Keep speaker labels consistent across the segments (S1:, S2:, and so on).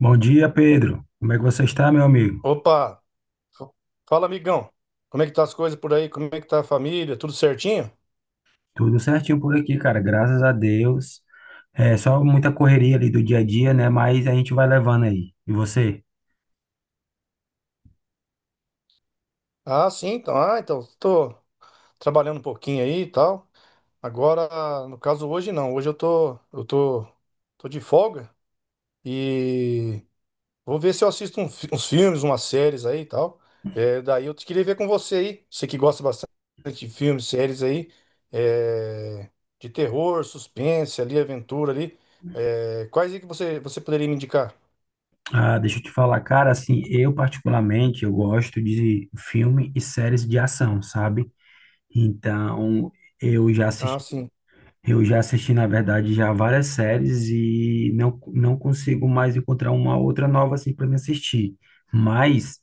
S1: Bom dia, Pedro. Como é que você está, meu amigo?
S2: Opa, f- fala, amigão, como é que tá as coisas por aí? Como é que tá a família? Tudo certinho?
S1: Tudo certinho por aqui, cara. Graças a Deus. É só muita correria ali do dia a dia, né? Mas a gente vai levando aí. E você?
S2: Ah, sim, então, tô trabalhando um pouquinho aí e tal. Agora, no caso hoje não, hoje eu tô, tô de folga e vou ver se eu assisto uns filmes, umas séries aí e tal. É, daí eu te queria ver com você aí, você que gosta bastante de filmes, séries aí, é, de terror, suspense ali, aventura ali. É, quais aí que você poderia me indicar?
S1: Ah, deixa eu te falar, cara, assim, eu particularmente, eu gosto de filme e séries de ação, sabe? Então, eu já
S2: Ah,
S1: assisti,
S2: sim.
S1: eu já assisti, na verdade, já várias séries e não consigo mais encontrar uma outra nova assim para me assistir. Mas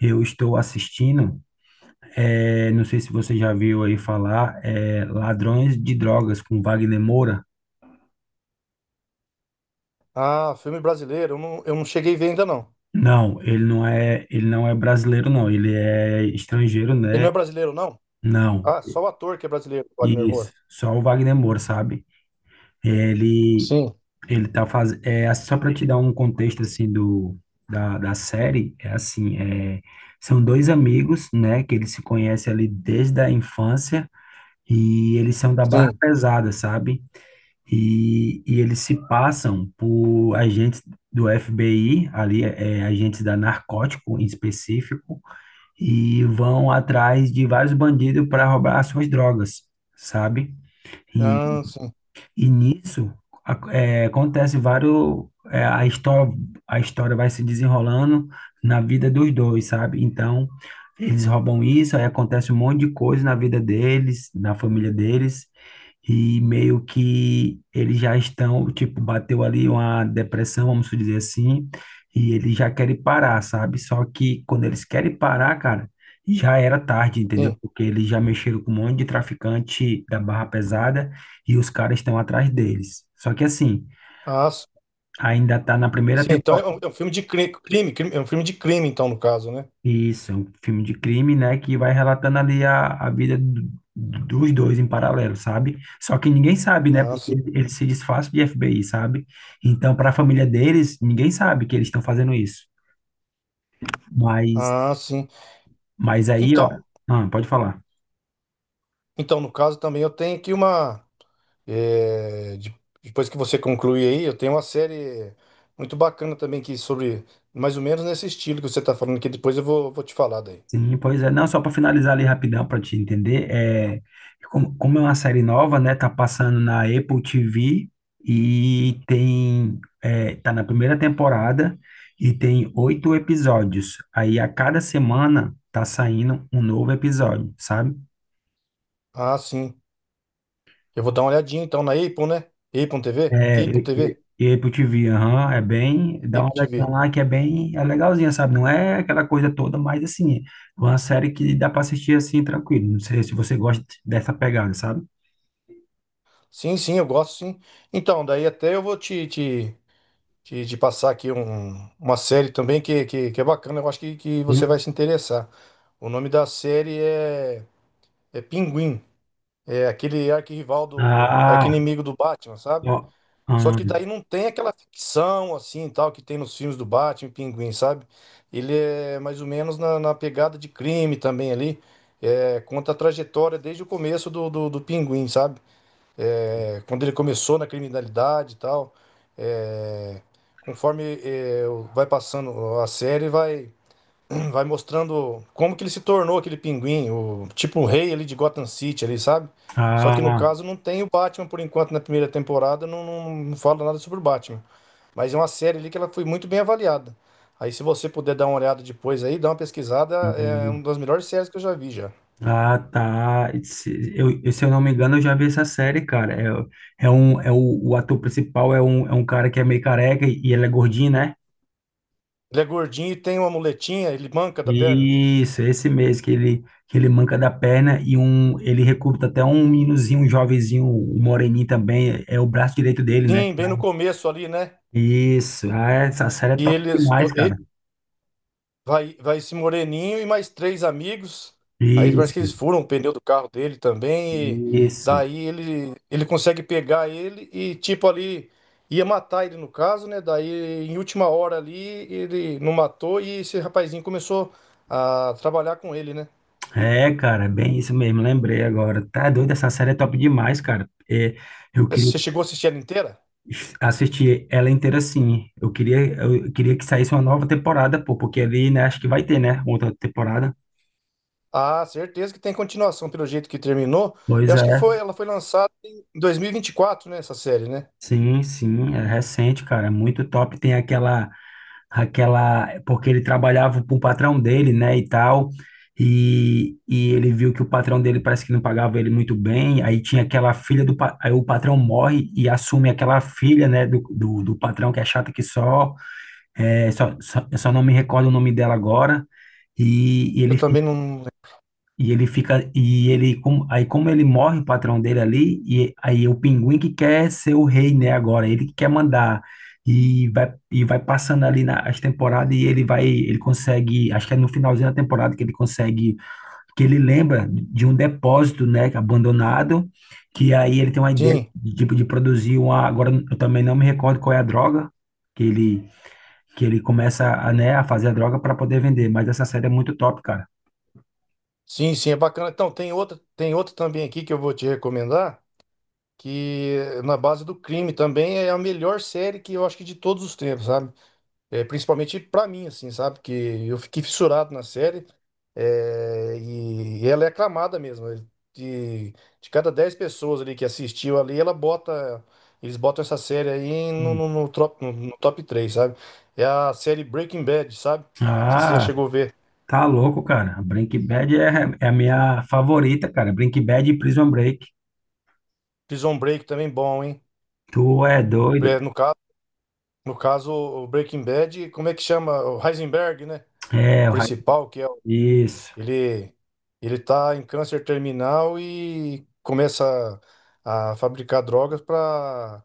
S1: eu estou assistindo. É, não sei se você já viu aí falar, Ladrões de Drogas com Wagner Moura.
S2: Ah, filme brasileiro, eu não, cheguei a ver ainda não.
S1: Não, ele não é brasileiro, não. Ele é estrangeiro,
S2: Ele
S1: né?
S2: não é brasileiro, não?
S1: Não.
S2: Ah, só o ator que é brasileiro, Wagner
S1: Isso.
S2: Moura.
S1: Só o Wagner Moura, sabe? Ele,
S2: Sim,
S1: ele tá fazendo. É, assim, só para te dar um contexto assim do da, da série, são dois amigos, né? Que eles se conhecem ali desde a infância e eles são da barra
S2: sim.
S1: pesada, sabe? E, eles se passam por agentes do FBI, ali, agentes da narcótico em específico, e vão atrás de vários bandidos para roubar as suas drogas, sabe?
S2: Ah, sim,
S1: E nisso acontece vários. A história vai se desenrolando na vida dos dois, sabe? Então, eles roubam isso, aí acontece um monte de coisa na vida deles, na família deles, e meio que eles já estão, tipo, bateu ali uma depressão, vamos dizer assim, e eles já querem parar, sabe? Só que quando eles querem parar, cara, já era tarde, entendeu?
S2: sim.
S1: Porque eles já mexeram com um monte de traficante da barra pesada e os caras estão atrás deles. Só que assim,
S2: Ah, sim.
S1: ainda tá na primeira
S2: Sim, então é
S1: temporada.
S2: um, filme de crime, crime, é um filme de crime, então, no caso, né?
S1: Isso, é um filme de crime, né, que vai relatando ali a vida dos dois em paralelo, sabe? Só que ninguém sabe, né,
S2: Ah,
S1: porque
S2: sim.
S1: eles se disfarçam de FBI, sabe? Então, para a família deles, ninguém sabe que eles estão fazendo isso. Mas,
S2: Ah, sim.
S1: mas aí, ó,
S2: Então,
S1: ah, pode falar.
S2: então no caso também eu tenho aqui uma. é, de- Depois que você concluir aí, eu tenho uma série muito bacana também, que sobre mais ou menos nesse estilo que você está falando, que depois eu vou, vou te falar daí.
S1: Sim, pois é. Não, só para finalizar ali rapidão para te entender, como, como é uma série nova, né? Tá passando na Apple TV e tem, tá na primeira temporada e tem oito episódios. Aí a cada semana tá saindo um novo episódio, sabe?
S2: Ah, sim. Eu vou dar uma olhadinha então na Apple, né? Apple TV?
S1: É,
S2: Apple TV?
S1: e Apple TV, aham, é bem, dá uma
S2: Apple
S1: olhadinha
S2: TV.
S1: lá que é bem, é legalzinha, sabe? Não é aquela coisa toda, mas assim, é uma série que dá para assistir assim tranquilo. Não sei se você gosta dessa pegada, sabe?
S2: Sim, sim, eu gosto, sim. Então, daí até eu vou te passar aqui uma série também que, que é bacana, eu acho que você vai se interessar. O nome da série é, é Pinguim. É aquele arquirrival do
S1: Ah,
S2: arqui-inimigo do Batman, sabe?
S1: ó, ah,
S2: Só que daí não tem aquela ficção assim, tal, que tem nos filmes do Batman, e Pinguim, sabe? Ele é mais ou menos na, na pegada de crime também ali. É, conta a trajetória desde o começo do Pinguim, sabe? É, quando ele começou na criminalidade e tal. É, conforme é, vai passando a série, vai vai mostrando como que ele se tornou aquele Pinguim, o tipo o rei ali de Gotham City ali, sabe? Só que no
S1: ah,
S2: caso não tem o Batman por enquanto na primeira temporada, não, não fala nada sobre o Batman. Mas é uma série ali que ela foi muito bem avaliada. Aí se você puder dar uma olhada depois aí, dar uma pesquisada, é
S1: hum,
S2: uma das melhores séries que eu já vi já.
S1: ah, tá. Se eu não me engano, eu já vi essa série, cara. O ator principal é um cara que é meio careca e ele é gordinho, né?
S2: Ele é gordinho e tem uma muletinha, ele manca da perna.
S1: Isso, esse mês que que ele manca da perna e um, ele recruta até um meninozinho, um jovenzinho, um moreninho também, é o braço direito dele, né?
S2: Sim, bem no começo ali, né?
S1: Isso, ah, essa série é
S2: E
S1: top
S2: eles,
S1: demais, cara.
S2: vai, vai esse moreninho e mais três amigos. Aí parece que
S1: Isso,
S2: eles furam o pneu do carro dele também. E
S1: isso.
S2: daí ele, ele consegue pegar ele e, tipo, ali ia matar ele no caso, né? Daí, em última hora ali, ele não matou e esse rapazinho começou a trabalhar com ele, né?
S1: É, cara, é bem isso mesmo, lembrei agora. Tá doido, essa série é top demais, cara. É, eu queria
S2: Você chegou a assistir ela inteira?
S1: assistir ela inteira assim. Eu queria que saísse uma nova temporada, pô, porque ali, né, acho que vai ter, né, outra temporada.
S2: Ah, certeza que tem continuação, pelo jeito que terminou. Eu
S1: Pois
S2: acho
S1: é,
S2: que foi, ela foi lançada em dois mil e vinte e quatro, né? Essa série, né?
S1: sim, é recente, cara, é muito top. Tem aquela, porque ele trabalhava para o patrão dele, né, e tal, e ele viu que o patrão dele parece que não pagava ele muito bem, aí tinha aquela filha aí o patrão morre e assume aquela filha, né, do patrão que é chata que só, só, eu só não me recordo o nome dela agora, e, e
S2: Eu
S1: ele
S2: também não.
S1: e ele fica, aí como ele morre, o patrão dele ali, e aí o pinguim que quer ser o rei, né, agora, ele que quer mandar, e vai passando ali as temporadas, e ele vai, ele consegue, acho que é no finalzinho da temporada que ele consegue, que ele lembra de um depósito, né, abandonado, que aí ele tem uma ideia
S2: Sim.
S1: de, tipo, de produzir uma, agora eu também não me recordo qual é a droga, que ele, que ele começa a, né, a fazer a droga para poder vender, mas essa série é muito top, cara.
S2: Sim, sim, é bacana. Então, tem outra também aqui que eu vou te recomendar, que é na base do crime também, é a melhor série, que eu acho que, de todos os tempos, sabe? É, principalmente pra mim, assim, sabe? Que eu fiquei fissurado na série é, e ela é aclamada mesmo. É. De, de cada 10 pessoas ali que assistiu ali, ela bota, eles botam essa série aí no, no top, no top 3, sabe? É a série Breaking Bad, sabe? Não sei se você já
S1: Ah,
S2: chegou a ver.
S1: tá louco, cara. Breaking Bad é, é a minha favorita, cara. Breaking Bad e Prison Break.
S2: Prison Break também bom, hein?
S1: Tu é doido?
S2: É. No caso, o Breaking Bad, como é que chama? O Heisenberg, né? O
S1: É,
S2: principal, que é.
S1: isso.
S2: Ele, ele tá em câncer terminal e começa a fabricar drogas para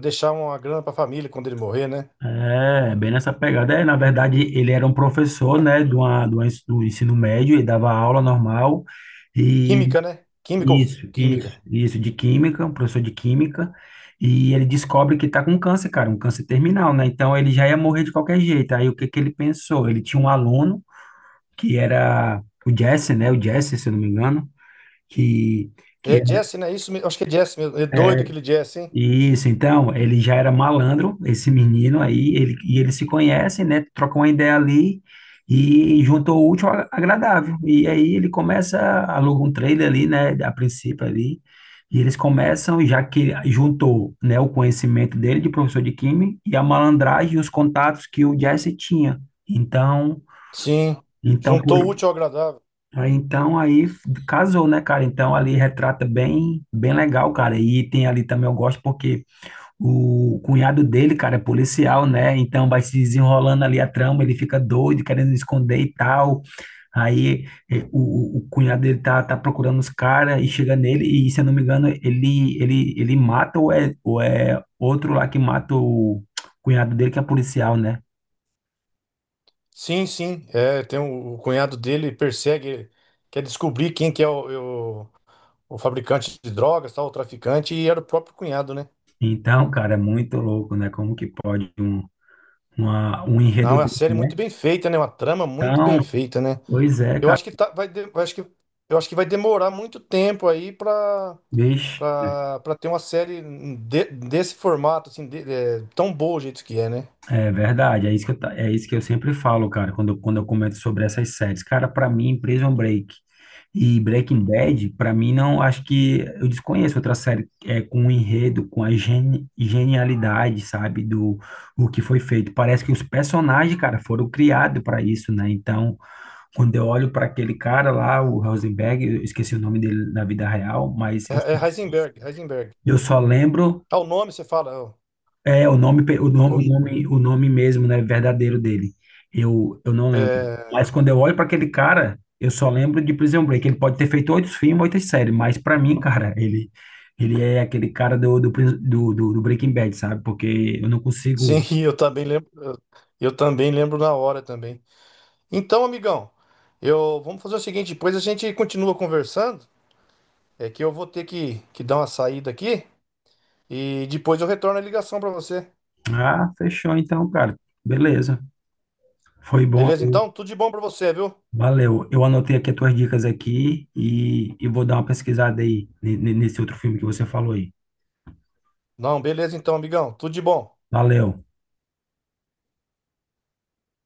S2: deixar uma grana para a família quando ele morrer, né?
S1: É, bem nessa pegada. É, na verdade, ele era um professor, né, de uma do ensino médio e dava aula normal. E
S2: Química, né? Química ou química?
S1: isso, de química, um professor de química. E ele descobre que tá com câncer, cara, um câncer terminal, né? Então ele já ia morrer de qualquer jeito. Aí o que que ele pensou? Ele tinha um aluno que era o Jesse, né? O Jesse, se eu não me engano, que, que é
S2: É Jesse, né? Isso, acho que é Jesse mesmo. É doido
S1: é
S2: aquele Jesse, hein?
S1: isso. Então, ele já era malandro, esse menino aí, ele, e eles se conhecem, né? Trocam uma ideia ali e juntou o útil ao agradável. E aí ele começa, aluga um trailer ali, né? A princípio ali. E eles começam, já que juntou, né, o conhecimento dele de professor de química e a malandragem e os contatos que o Jesse tinha. Então,
S2: Sim.
S1: então por,
S2: Juntou o útil ao agradável.
S1: Aí, casou, né, cara? Então, ali retrata bem, bem legal, cara. E tem ali também, eu gosto porque o cunhado dele, cara, é policial, né? Então, vai se desenrolando ali a trama, ele fica doido, querendo esconder e tal. Aí, o cunhado dele tá procurando os caras e chega nele e, se eu não me engano, ele mata ou é outro lá que mata o cunhado dele, que é policial, né?
S2: Sim, sim. É, tem o cunhado dele persegue, quer descobrir quem que é o- o fabricante de drogas, tal, o traficante, e era o próprio cunhado, né?
S1: Então, cara, é muito louco, né? Como que pode um
S2: Não, é
S1: enredo
S2: uma
S1: desse,
S2: série muito
S1: né?
S2: bem feita, né? Uma trama muito bem
S1: Então,
S2: feita, né?
S1: pois é,
S2: Eu
S1: cara,
S2: acho que tá, vai, eu acho que vai demorar muito tempo aí pra,
S1: bicho,
S2: pra ter uma série desse formato, assim, é, tão boa o jeito que é, né?
S1: é verdade, é isso que eu sempre falo, cara, quando eu comento sobre essas séries. Cara, pra mim, Prison Break e Breaking Bad, pra mim, não, acho que eu desconheço outra série com o enredo, com a genialidade, sabe, do o que foi feito. Parece que os personagens, cara, foram criados pra isso, né? Então, quando eu olho pra aquele cara lá, o Rosenberg, eu esqueci o nome dele na vida real,
S2: É, é Heisenberg, Heisenberg.
S1: eu só lembro.
S2: Ah, o nome você fala. Ó,
S1: É, o nome, pe- o nome, o
S2: com-
S1: nome, o nome mesmo, né, verdadeiro dele. Eu não lembro.
S2: é,
S1: Mas quando eu olho para aquele cara, eu só lembro de Prison Break. Ele pode ter feito oito filmes, oito séries, mas para mim, cara, ele é aquele cara do, do, Pris- do, do- do Breaking Bad, sabe? Porque eu não
S2: sim,
S1: consigo.
S2: eu também lembro. Eu também lembro na hora também. Então, amigão, eu vamos fazer o seguinte, depois a gente continua conversando. É que eu vou ter que dar uma saída aqui e depois eu retorno a ligação pra você.
S1: Ah, fechou então, cara. Beleza. Foi bom.
S2: Beleza, então? Tudo de bom pra você, viu?
S1: Valeu. Eu anotei aqui as tuas dicas aqui e vou dar uma pesquisada aí nesse outro filme que você falou aí.
S2: Não, beleza então, amigão. Tudo de bom.
S1: Valeu.